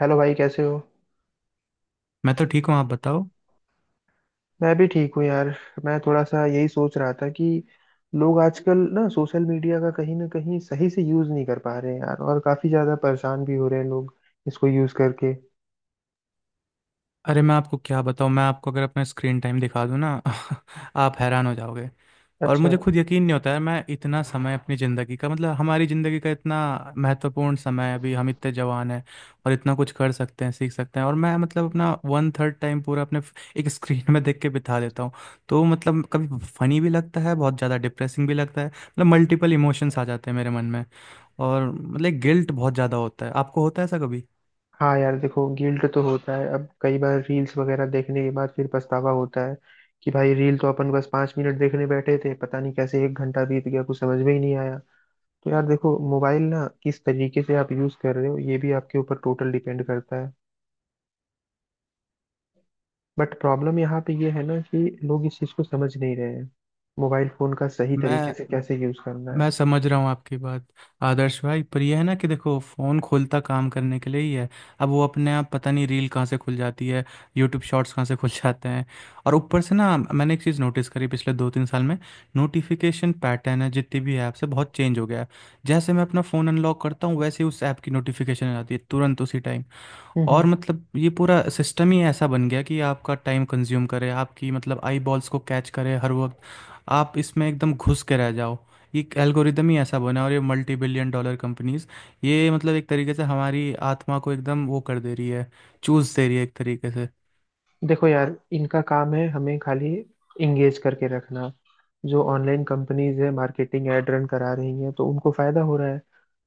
Hello भाई, कैसे हो? मैं तो ठीक हूँ, आप बताओ। मैं भी ठीक हूँ यार। मैं थोड़ा सा यही सोच रहा था कि लोग आजकल ना सोशल मीडिया का कहीं ना कहीं सही से यूज़ नहीं कर पा रहे हैं यार, और काफ़ी ज़्यादा परेशान भी हो रहे हैं लोग इसको यूज़ करके। अरे मैं आपको क्या बताऊँ, मैं आपको अगर अपना स्क्रीन टाइम दिखा दूँ ना आप हैरान हो जाओगे। और अच्छा। मुझे खुद यकीन नहीं होता है, मैं इतना समय अपनी ज़िंदगी का मतलब हमारी ज़िंदगी का इतना महत्वपूर्ण समय है, अभी हम इतने जवान हैं और इतना कुछ कर सकते हैं, सीख सकते हैं, और मैं मतलब अपना 1/3 टाइम पूरा अपने एक स्क्रीन में देख के बिता देता हूँ। तो मतलब कभी फनी भी लगता है, बहुत ज़्यादा डिप्रेसिंग भी लगता है, मतलब मल्टीपल इमोशंस आ जाते हैं मेरे मन में। और मतलब गिल्ट बहुत ज़्यादा होता है, आपको होता है ऐसा कभी? हाँ यार, देखो गिल्ट तो होता है, अब कई बार रील्स वगैरह देखने के बाद फिर पछतावा होता है कि भाई रील तो अपन बस 5 मिनट देखने बैठे थे, पता नहीं कैसे एक घंटा बीत गया, कुछ समझ में ही नहीं आया। तो यार देखो, मोबाइल ना किस तरीके से आप यूज़ कर रहे हो, ये भी आपके ऊपर टोटल डिपेंड करता है। बट प्रॉब्लम यहाँ पे ये है ना कि लोग इस चीज को समझ नहीं रहे हैं, मोबाइल फोन का सही तरीके मैं से कैसे यूज करना है। मैं समझ रहा हूँ आपकी बात, आदर्श भाई। पर यह है ना कि देखो फ़ोन खोलता काम करने के लिए ही है। अब वो अपने आप पता नहीं रील कहाँ से खुल जाती है, यूट्यूब शॉर्ट्स कहाँ से खुल जाते हैं। और ऊपर से ना मैंने एक चीज़ नोटिस करी पिछले 2-3 साल में, नोटिफिकेशन पैटर्न है जितनी भी ऐप्स है बहुत चेंज हो गया है। जैसे मैं अपना फ़ोन अनलॉक करता हूँ वैसे ही उस ऐप की नोटिफिकेशन आ जाती है तुरंत उसी टाइम। हम्म हम्म। और मतलब ये पूरा सिस्टम ही ऐसा बन गया कि आपका टाइम कंज्यूम करे, आपकी मतलब आई बॉल्स को कैच करे हर वक्त, आप इसमें एकदम घुस के रह जाओ। ये एल्गोरिदम ही ऐसा बना है, और ये मल्टी बिलियन डॉलर कंपनीज, ये मतलब एक तरीके से हमारी आत्मा को एकदम वो कर दे रही है, चूस दे रही है एक तरीके से। देखो यार, इनका काम है हमें खाली इंगेज करके रखना। जो ऑनलाइन कंपनीज है, मार्केटिंग ऐड रन करा रही हैं, तो उनको फायदा हो रहा है।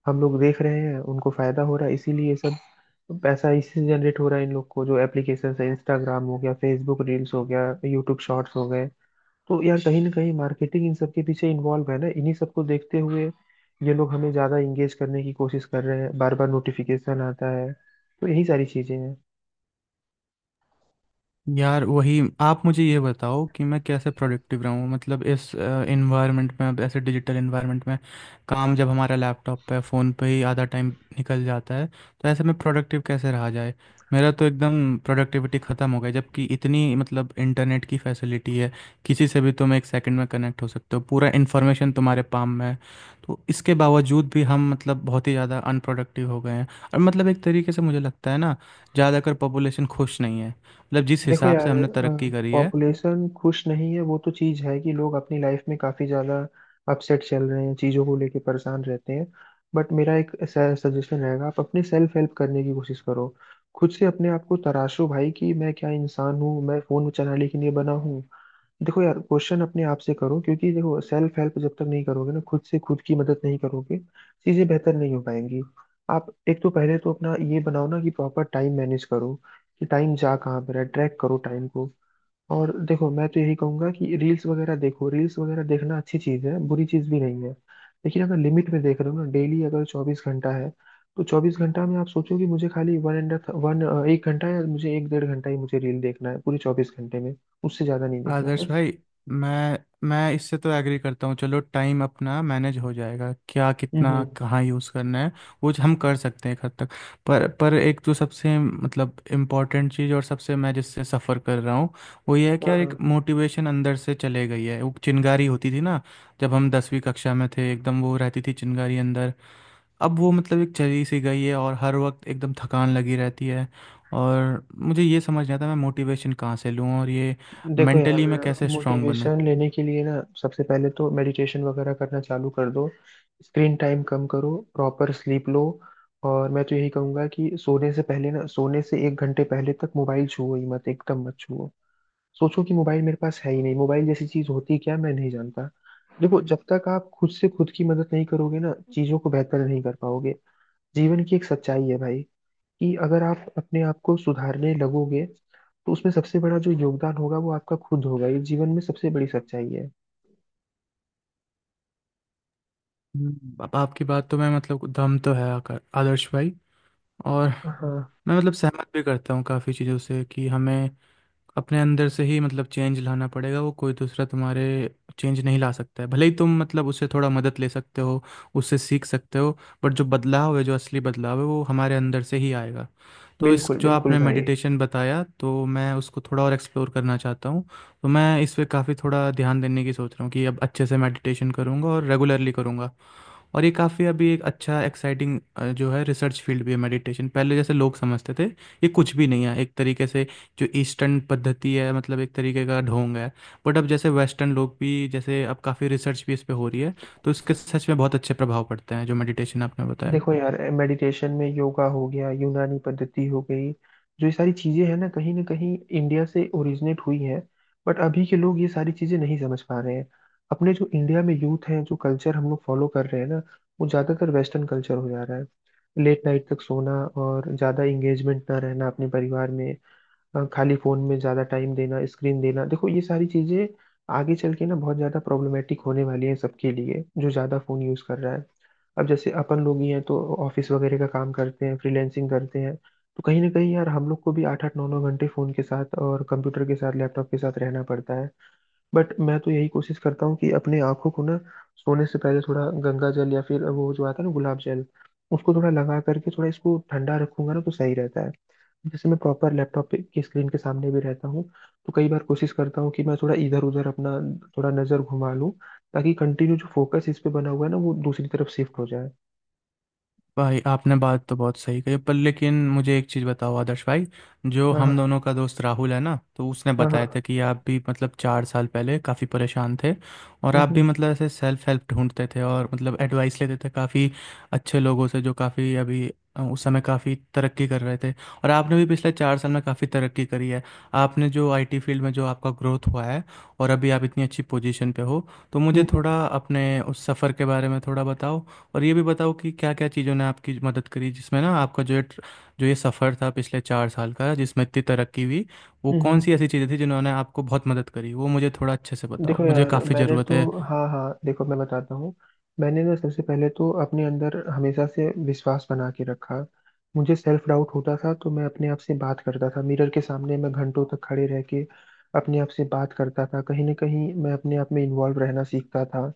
हम लोग देख रहे हैं, उनको फायदा हो रहा है, इसीलिए ये सब पैसा इससे जनरेट हो रहा है इन लोग को। जो एप्लीकेशन है, इंस्टाग्राम हो गया, फेसबुक रील्स हो गया, यूट्यूब शॉर्ट्स हो गए, तो यार कहीं ना कहीं मार्केटिंग इन सब के पीछे इन्वॉल्व है ना। इन्हीं सबको देखते हुए ये लोग हमें ज्यादा इंगेज करने की कोशिश कर रहे हैं, बार बार नोटिफिकेशन आता है, तो यही सारी चीजें हैं। यार वही आप मुझे ये बताओ कि मैं कैसे प्रोडक्टिव रहूँ मतलब इस एनवायरनमेंट में, अब ऐसे डिजिटल एनवायरनमेंट में, काम जब हमारा लैपटॉप पे फ़ोन पे ही आधा टाइम निकल जाता है, तो ऐसे में प्रोडक्टिव कैसे रहा जाए? मेरा तो एकदम प्रोडक्टिविटी ख़त्म हो गई, जबकि इतनी मतलब इंटरनेट की फैसिलिटी है, किसी से भी तुम एक सेकंड में कनेक्ट हो सकते हो, पूरा इन्फॉर्मेशन तुम्हारे पाम में है। तो इसके बावजूद भी हम मतलब बहुत ही ज़्यादा अनप्रोडक्टिव हो गए हैं। और मतलब एक तरीके से मुझे लगता है ना, ज़्यादातर पॉपुलेशन खुश नहीं है, मतलब जिस देखो हिसाब से यार, हमने तरक्की करी है। पॉपुलेशन खुश नहीं है वो तो चीज है, कि लोग अपनी लाइफ में काफी ज्यादा अपसेट चल रहे हैं, चीजों को लेके परेशान रहते हैं। बट मेरा एक सजेशन रहेगा, आप अपने सेल्फ हेल्प करने की कोशिश करो। खुद से अपने आप को तराशो भाई कि मैं क्या इंसान हूँ, मैं फोन चलाने के लिए बना हूँ? देखो यार, क्वेश्चन अपने आप से करो, क्योंकि देखो सेल्फ हेल्प जब तक नहीं करोगे ना, खुद से खुद की मदद नहीं करोगे, चीजें बेहतर नहीं हो पाएंगी। आप एक तो पहले तो अपना ये बनाओ ना कि प्रॉपर टाइम मैनेज करो, कि टाइम जा कहाँ पर है, ट्रैक करो टाइम को। और देखो मैं तो यही कहूंगा कि रील्स वगैरह देखो, रील्स वगैरह देखना अच्छी चीज है, बुरी चीज भी नहीं है, लेकिन अगर लिमिट में देख रहे हो ना। डेली अगर 24 घंटा है, तो 24 घंटा में आप सोचो कि मुझे खाली वन एंड वन, एक घंटा या मुझे एक 1.5 घंटा ही मुझे रील देखना है पूरे 24 घंटे में, उससे ज्यादा नहीं देखना आदर्श बस। भाई, मैं मैं इससे तो एग्री करता हूँ, चलो टाइम अपना मैनेज हो जाएगा, क्या कितना हम्म कहाँ यूज़ करना है वो हम कर सकते हैं एक हद तक। पर एक जो सबसे मतलब इम्पोर्टेंट चीज़ और सबसे मैं जिससे सफ़र कर रहा हूँ वो ये है कि यार एक हाँ। मोटिवेशन अंदर से चले गई है, वो चिंगारी होती थी ना, जब हम 10वीं कक्षा में थे एकदम वो रहती थी चिंगारी अंदर। अब वो मतलब एक चली सी गई है और हर वक्त एकदम थकान लगी रहती है। और मुझे ये समझ नहीं आता मैं मोटिवेशन कहाँ से लूँ और ये देखो यार, मेंटली मैं कैसे स्ट्रांग बनूँ? मोटिवेशन लेने के लिए ना सबसे पहले तो मेडिटेशन वगैरह करना चालू कर दो, स्क्रीन टाइम कम करो, प्रॉपर स्लीप लो। और मैं तो यही कहूंगा कि सोने से पहले ना, सोने से एक घंटे पहले तक मोबाइल छुओ ही मत, एकदम मत छुओ। सोचो कि मोबाइल मेरे पास है ही नहीं, मोबाइल जैसी चीज होती क्या मैं नहीं जानता। देखो, जब तक आप खुद से खुद की मदद नहीं करोगे ना, चीजों को बेहतर नहीं कर पाओगे। जीवन की एक सच्चाई है भाई कि अगर आप अपने आप को सुधारने लगोगे, तो उसमें सबसे बड़ा जो योगदान होगा वो आपका खुद होगा। ये जीवन में सबसे बड़ी सच्चाई है। अब आपकी बात तो मैं मतलब दम तो है आदर्श भाई। और हाँ। मैं मतलब सहमत भी करता हूँ काफ़ी चीज़ों से कि हमें अपने अंदर से ही मतलब चेंज लाना पड़ेगा, वो कोई दूसरा तुम्हारे चेंज नहीं ला सकता है, भले ही तुम मतलब उससे थोड़ा मदद ले सकते हो, उससे सीख सकते हो। बट जो बदलाव है जो असली बदलाव है वो हमारे अंदर से ही आएगा। तो इस बिल्कुल जो बिल्कुल आपने भाई। मेडिटेशन बताया तो मैं उसको थोड़ा और एक्सप्लोर करना चाहता हूँ। तो मैं इस पे काफ़ी थोड़ा ध्यान देने की सोच रहा हूँ कि अब अच्छे से मेडिटेशन करूँगा और रेगुलरली करूँगा। और ये काफ़ी अभी एक अच्छा एक्साइटिंग जो है रिसर्च फील्ड भी है मेडिटेशन, पहले जैसे लोग समझते थे ये कुछ भी नहीं है एक तरीके से, जो ईस्टर्न पद्धति है मतलब एक तरीके का ढोंग है। बट अब जैसे वेस्टर्न लोग भी, जैसे अब काफ़ी रिसर्च भी इस पे हो रही है, तो इसके सच में बहुत अच्छे प्रभाव पड़ते हैं जो मेडिटेशन आपने बताया। देखो यार, मेडिटेशन में योगा हो गया, यूनानी पद्धति हो गई, जो ये सारी चीजें हैं ना, कहीं ना कहीं इंडिया से ओरिजिनेट हुई हैं। बट अभी के लोग ये सारी चीजें नहीं समझ पा रहे हैं। अपने जो इंडिया में यूथ हैं, जो कल्चर हम लोग फॉलो कर रहे हैं ना, वो ज्यादातर वेस्टर्न कल्चर हो जा रहा है। लेट नाइट तक सोना, और ज्यादा इंगेजमेंट ना रहना अपने परिवार में, खाली फोन में ज्यादा टाइम देना, स्क्रीन देना। देखो ये सारी चीजें आगे चल के ना बहुत ज्यादा प्रॉब्लमेटिक होने वाली है सबके लिए जो ज्यादा फोन यूज कर रहा है। अब जैसे अपन लोग ही हैं, तो ऑफिस वगैरह का काम करते हैं, फ्रीलैंसिंग करते हैं, तो कहीं ना कहीं यार हम लोग को भी आठ आठ नौ नौ घंटे फोन के साथ और कंप्यूटर के साथ, लैपटॉप के साथ रहना पड़ता है। बट मैं तो यही कोशिश करता हूँ कि अपने आंखों को ना, सोने से पहले थोड़ा गंगा जल या फिर वो जो आता है ना, गुलाब जल, उसको थोड़ा लगा करके थोड़ा इसको ठंडा रखूंगा ना, तो सही रहता है। जैसे मैं प्रॉपर लैपटॉप पे की स्क्रीन के सामने भी रहता हूँ, तो कई बार कोशिश करता हूँ कि मैं थोड़ा इधर उधर अपना थोड़ा नज़र घुमा लूँ, ताकि कंटिन्यू जो फोकस इस पे बना हुआ है ना, वो दूसरी तरफ शिफ्ट हो जाए। भाई आपने बात तो बहुत सही कही, पर लेकिन मुझे एक चीज़ बताओ आदर्श भाई, जो हाँ हाँ। हम दोनों का दोस्त राहुल है ना, तो उसने हाँ बताया हाँ। था कि आप भी मतलब 4 साल पहले काफ़ी परेशान थे और आप भी हम्म। मतलब ऐसे सेल्फ हेल्प ढूंढते थे और मतलब एडवाइस लेते थे काफ़ी अच्छे लोगों से जो काफ़ी अभी उस समय काफ़ी तरक्की कर रहे थे। और आपने भी पिछले 4 साल में काफ़ी तरक्की करी है, आपने जो आईटी फील्ड में जो आपका ग्रोथ हुआ है और अभी आप इतनी अच्छी पोजीशन पे हो, तो मुझे हम्म थोड़ा अपने उस सफ़र के बारे में थोड़ा बताओ। और ये भी बताओ कि क्या क्या चीज़ों ने आपकी मदद करी, जिसमें ना आपका जो ये जो ये सफ़र था पिछले 4 साल का जिसमें इतनी तरक्की हुई, वो हम्म। कौन सी ऐसी चीज़ें थी जिन्होंने आपको बहुत मदद करी, वो मुझे थोड़ा अच्छे से बताओ, देखो मुझे यार, काफ़ी मैंने ज़रूरत है। तो हाँ हाँ, देखो मैं बताता हूँ। मैंने ना सबसे पहले तो अपने अंदर हमेशा से विश्वास बना के रखा। मुझे सेल्फ डाउट होता था, तो मैं अपने आप से बात करता था मिरर के सामने, मैं घंटों तक खड़े रह के अपने आप से बात करता था। कहीं ना कहीं मैं अपने आप में इन्वॉल्व रहना सीखता था।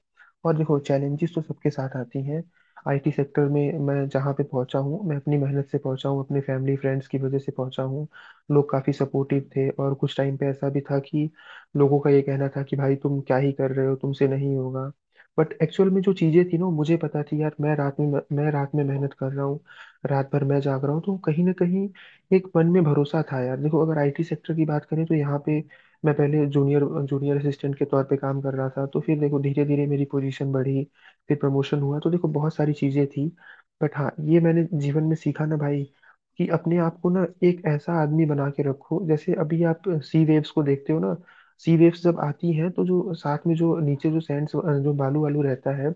और देखो चैलेंजेस तो सबके साथ आती हैं। आईटी सेक्टर में मैं जहाँ पे पहुँचा हूँ, मैं अपनी मेहनत से पहुँचा हूँ, अपने फैमिली फ्रेंड्स की वजह से पहुँचा हूँ। लोग काफ़ी सपोर्टिव थे, और कुछ टाइम पे ऐसा भी था कि लोगों का ये कहना था कि भाई तुम क्या ही कर रहे हो, तुमसे नहीं होगा। बट एक्चुअल में जो चीजें थी ना, वो मुझे पता थी यार। मैं रात में मेहनत कर रहा हूँ, रात भर मैं जाग रहा हूँ, तो कहीं ना कहीं एक मन में भरोसा था यार। देखो अगर आईटी सेक्टर की बात करें, तो यहाँ पे मैं पहले जूनियर जूनियर असिस्टेंट के तौर पे काम कर रहा था, तो फिर देखो धीरे धीरे मेरी पोजीशन बढ़ी, फिर प्रमोशन हुआ, तो देखो बहुत सारी चीजें थी। बट हाँ, ये मैंने जीवन में सीखा ना भाई, कि अपने आप को ना एक ऐसा आदमी बना के रखो, जैसे अभी आप सी वेव्स को देखते हो ना, सी वेव्स जब आती हैं, तो जो साथ में जो नीचे जो सैंड, जो बालू वालू रहता है,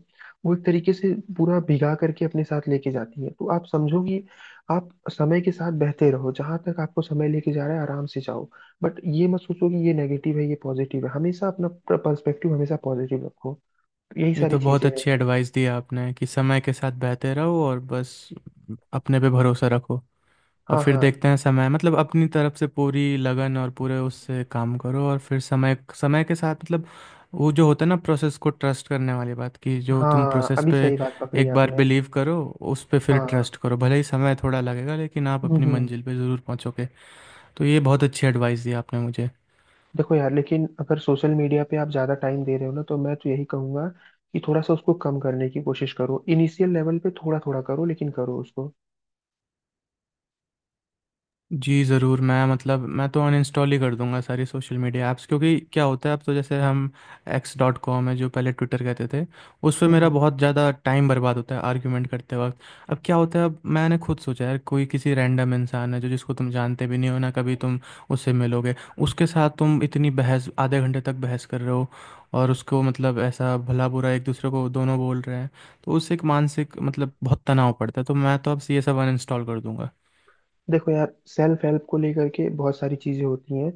वो एक तरीके से पूरा भिगा करके अपने साथ लेके जाती है। तो आप समझो कि आप समय के साथ बहते रहो, जहां तक आपको समय लेके जा रहा है आराम से जाओ। बट ये मत सोचो कि ये नेगेटिव है ये पॉजिटिव है, हमेशा अपना पर्सपेक्टिव हमेशा पॉजिटिव रखो। तो यही ये सारी तो बहुत चीजें अच्छी हैं। एडवाइस दी आपने कि समय के साथ बहते रहो और बस अपने पे भरोसा रखो, और हाँ फिर हाँ। देखते हैं समय मतलब अपनी तरफ से पूरी लगन और पूरे उससे काम करो और फिर समय समय के साथ मतलब वो जो होता है ना प्रोसेस को ट्रस्ट करने वाली बात, कि जो तुम हाँ प्रोसेस अभी पे सही बात पकड़ी एक बार आपने। बिलीव करो, उस पे फिर हाँ। ट्रस्ट करो, भले ही समय थोड़ा लगेगा लेकिन आप अपनी हम्म। मंजिल पे ज़रूर पहुंचोगे। तो ये बहुत अच्छी एडवाइस दी आपने मुझे। देखो यार, लेकिन अगर सोशल मीडिया पे आप ज़्यादा टाइम दे रहे हो ना, तो मैं तो यही कहूंगा कि थोड़ा सा उसको कम करने की कोशिश करो, इनिशियल लेवल पे थोड़ा थोड़ा करो, लेकिन करो उसको। जी, ज़रूर। मैं मतलब मैं तो अनइंस्टॉल ही कर दूँगा सारी सोशल मीडिया ऐप्स, क्योंकि क्या होता है, अब तो जैसे हम X.com है जो पहले ट्विटर कहते थे, उस पे हम्म। मेरा बहुत ज़्यादा टाइम बर्बाद होता है आर्ग्यूमेंट करते वक़्त। अब क्या होता है, अब मैंने खुद सोचा है, कोई किसी रैंडम इंसान है जो जिसको तुम जानते भी नहीं हो, ना कभी तुम उससे मिलोगे, उसके साथ तुम इतनी बहस आधे घंटे तक बहस कर रहे हो और उसको मतलब ऐसा भला-बुरा एक दूसरे को दोनों बोल रहे हैं, तो उससे एक मानसिक मतलब बहुत तनाव पड़ता है। तो मैं तो अब से ये सब अनइंस्टॉल कर दूँगा। देखो यार, सेल्फ हेल्प को लेकर के बहुत सारी चीज़ें होती हैं,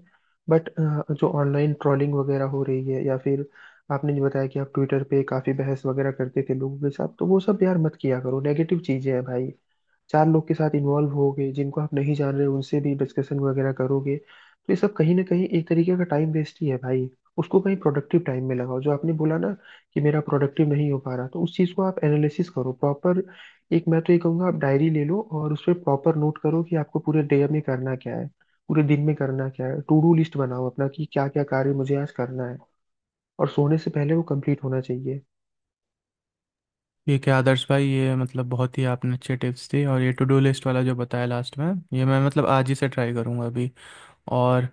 बट जो ऑनलाइन ट्रोलिंग वगैरह हो रही है या फिर आपने जो बताया कि आप ट्विटर पे काफ़ी बहस वगैरह करते थे लोगों के साथ, तो वो सब यार मत किया करो, नेगेटिव चीज़ें हैं भाई। चार लोग के साथ इन्वॉल्व होगे जिनको आप नहीं जान रहे, उनसे भी डिस्कशन वगैरह करोगे, तो ये सब कहीं ना कहीं एक तरीके का टाइम वेस्ट ही है भाई। उसको कहीं प्रोडक्टिव टाइम में लगाओ। जो आपने बोला ना कि मेरा प्रोडक्टिव नहीं हो पा रहा, तो उस चीज़ को आप एनालिसिस करो प्रॉपर। एक मैं तो ये कहूँगा, आप डायरी ले लो और उस पर प्रॉपर नोट करो कि आपको पूरे डे में करना क्या है, पूरे दिन में करना क्या है। टू डू लिस्ट बनाओ अपना कि क्या क्या कार्य मुझे आज करना है, और सोने से पहले वो कंप्लीट होना चाहिए। ठीक है आदर्श भाई, ये मतलब बहुत ही आपने अच्छे टिप्स दी और ये टू डू लिस्ट वाला जो बताया लास्ट में, ये मैं मतलब आज ही से ट्राई करूँगा अभी। और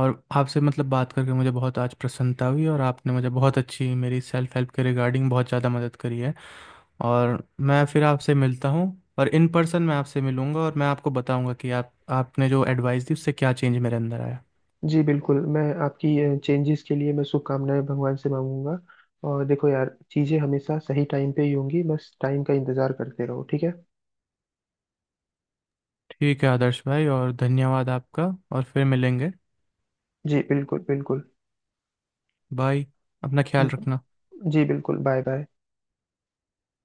और आपसे मतलब बात करके मुझे बहुत आज प्रसन्नता हुई और आपने मुझे बहुत अच्छी मेरी सेल्फ हेल्प के रिगार्डिंग बहुत ज़्यादा मदद करी है। और मैं फिर आपसे मिलता हूँ और इन पर्सन मैं आपसे मिलूंगा और मैं आपको बताऊंगा कि आप आपने जो एडवाइस दी उससे क्या चेंज मेरे अंदर आया। जी बिल्कुल, मैं आपकी चेंजेस के लिए मैं शुभकामनाएं भगवान से मांगूंगा। और देखो यार, चीज़ें हमेशा सही टाइम पे ही होंगी, बस टाइम का इंतज़ार करते रहो, ठीक है। ठीक है आदर्श भाई, और धन्यवाद आपका, और फिर मिलेंगे। जी बिल्कुल बिल्कुल। बाय, अपना ख्याल रखना। हम्म। जी बिल्कुल। Bye bye.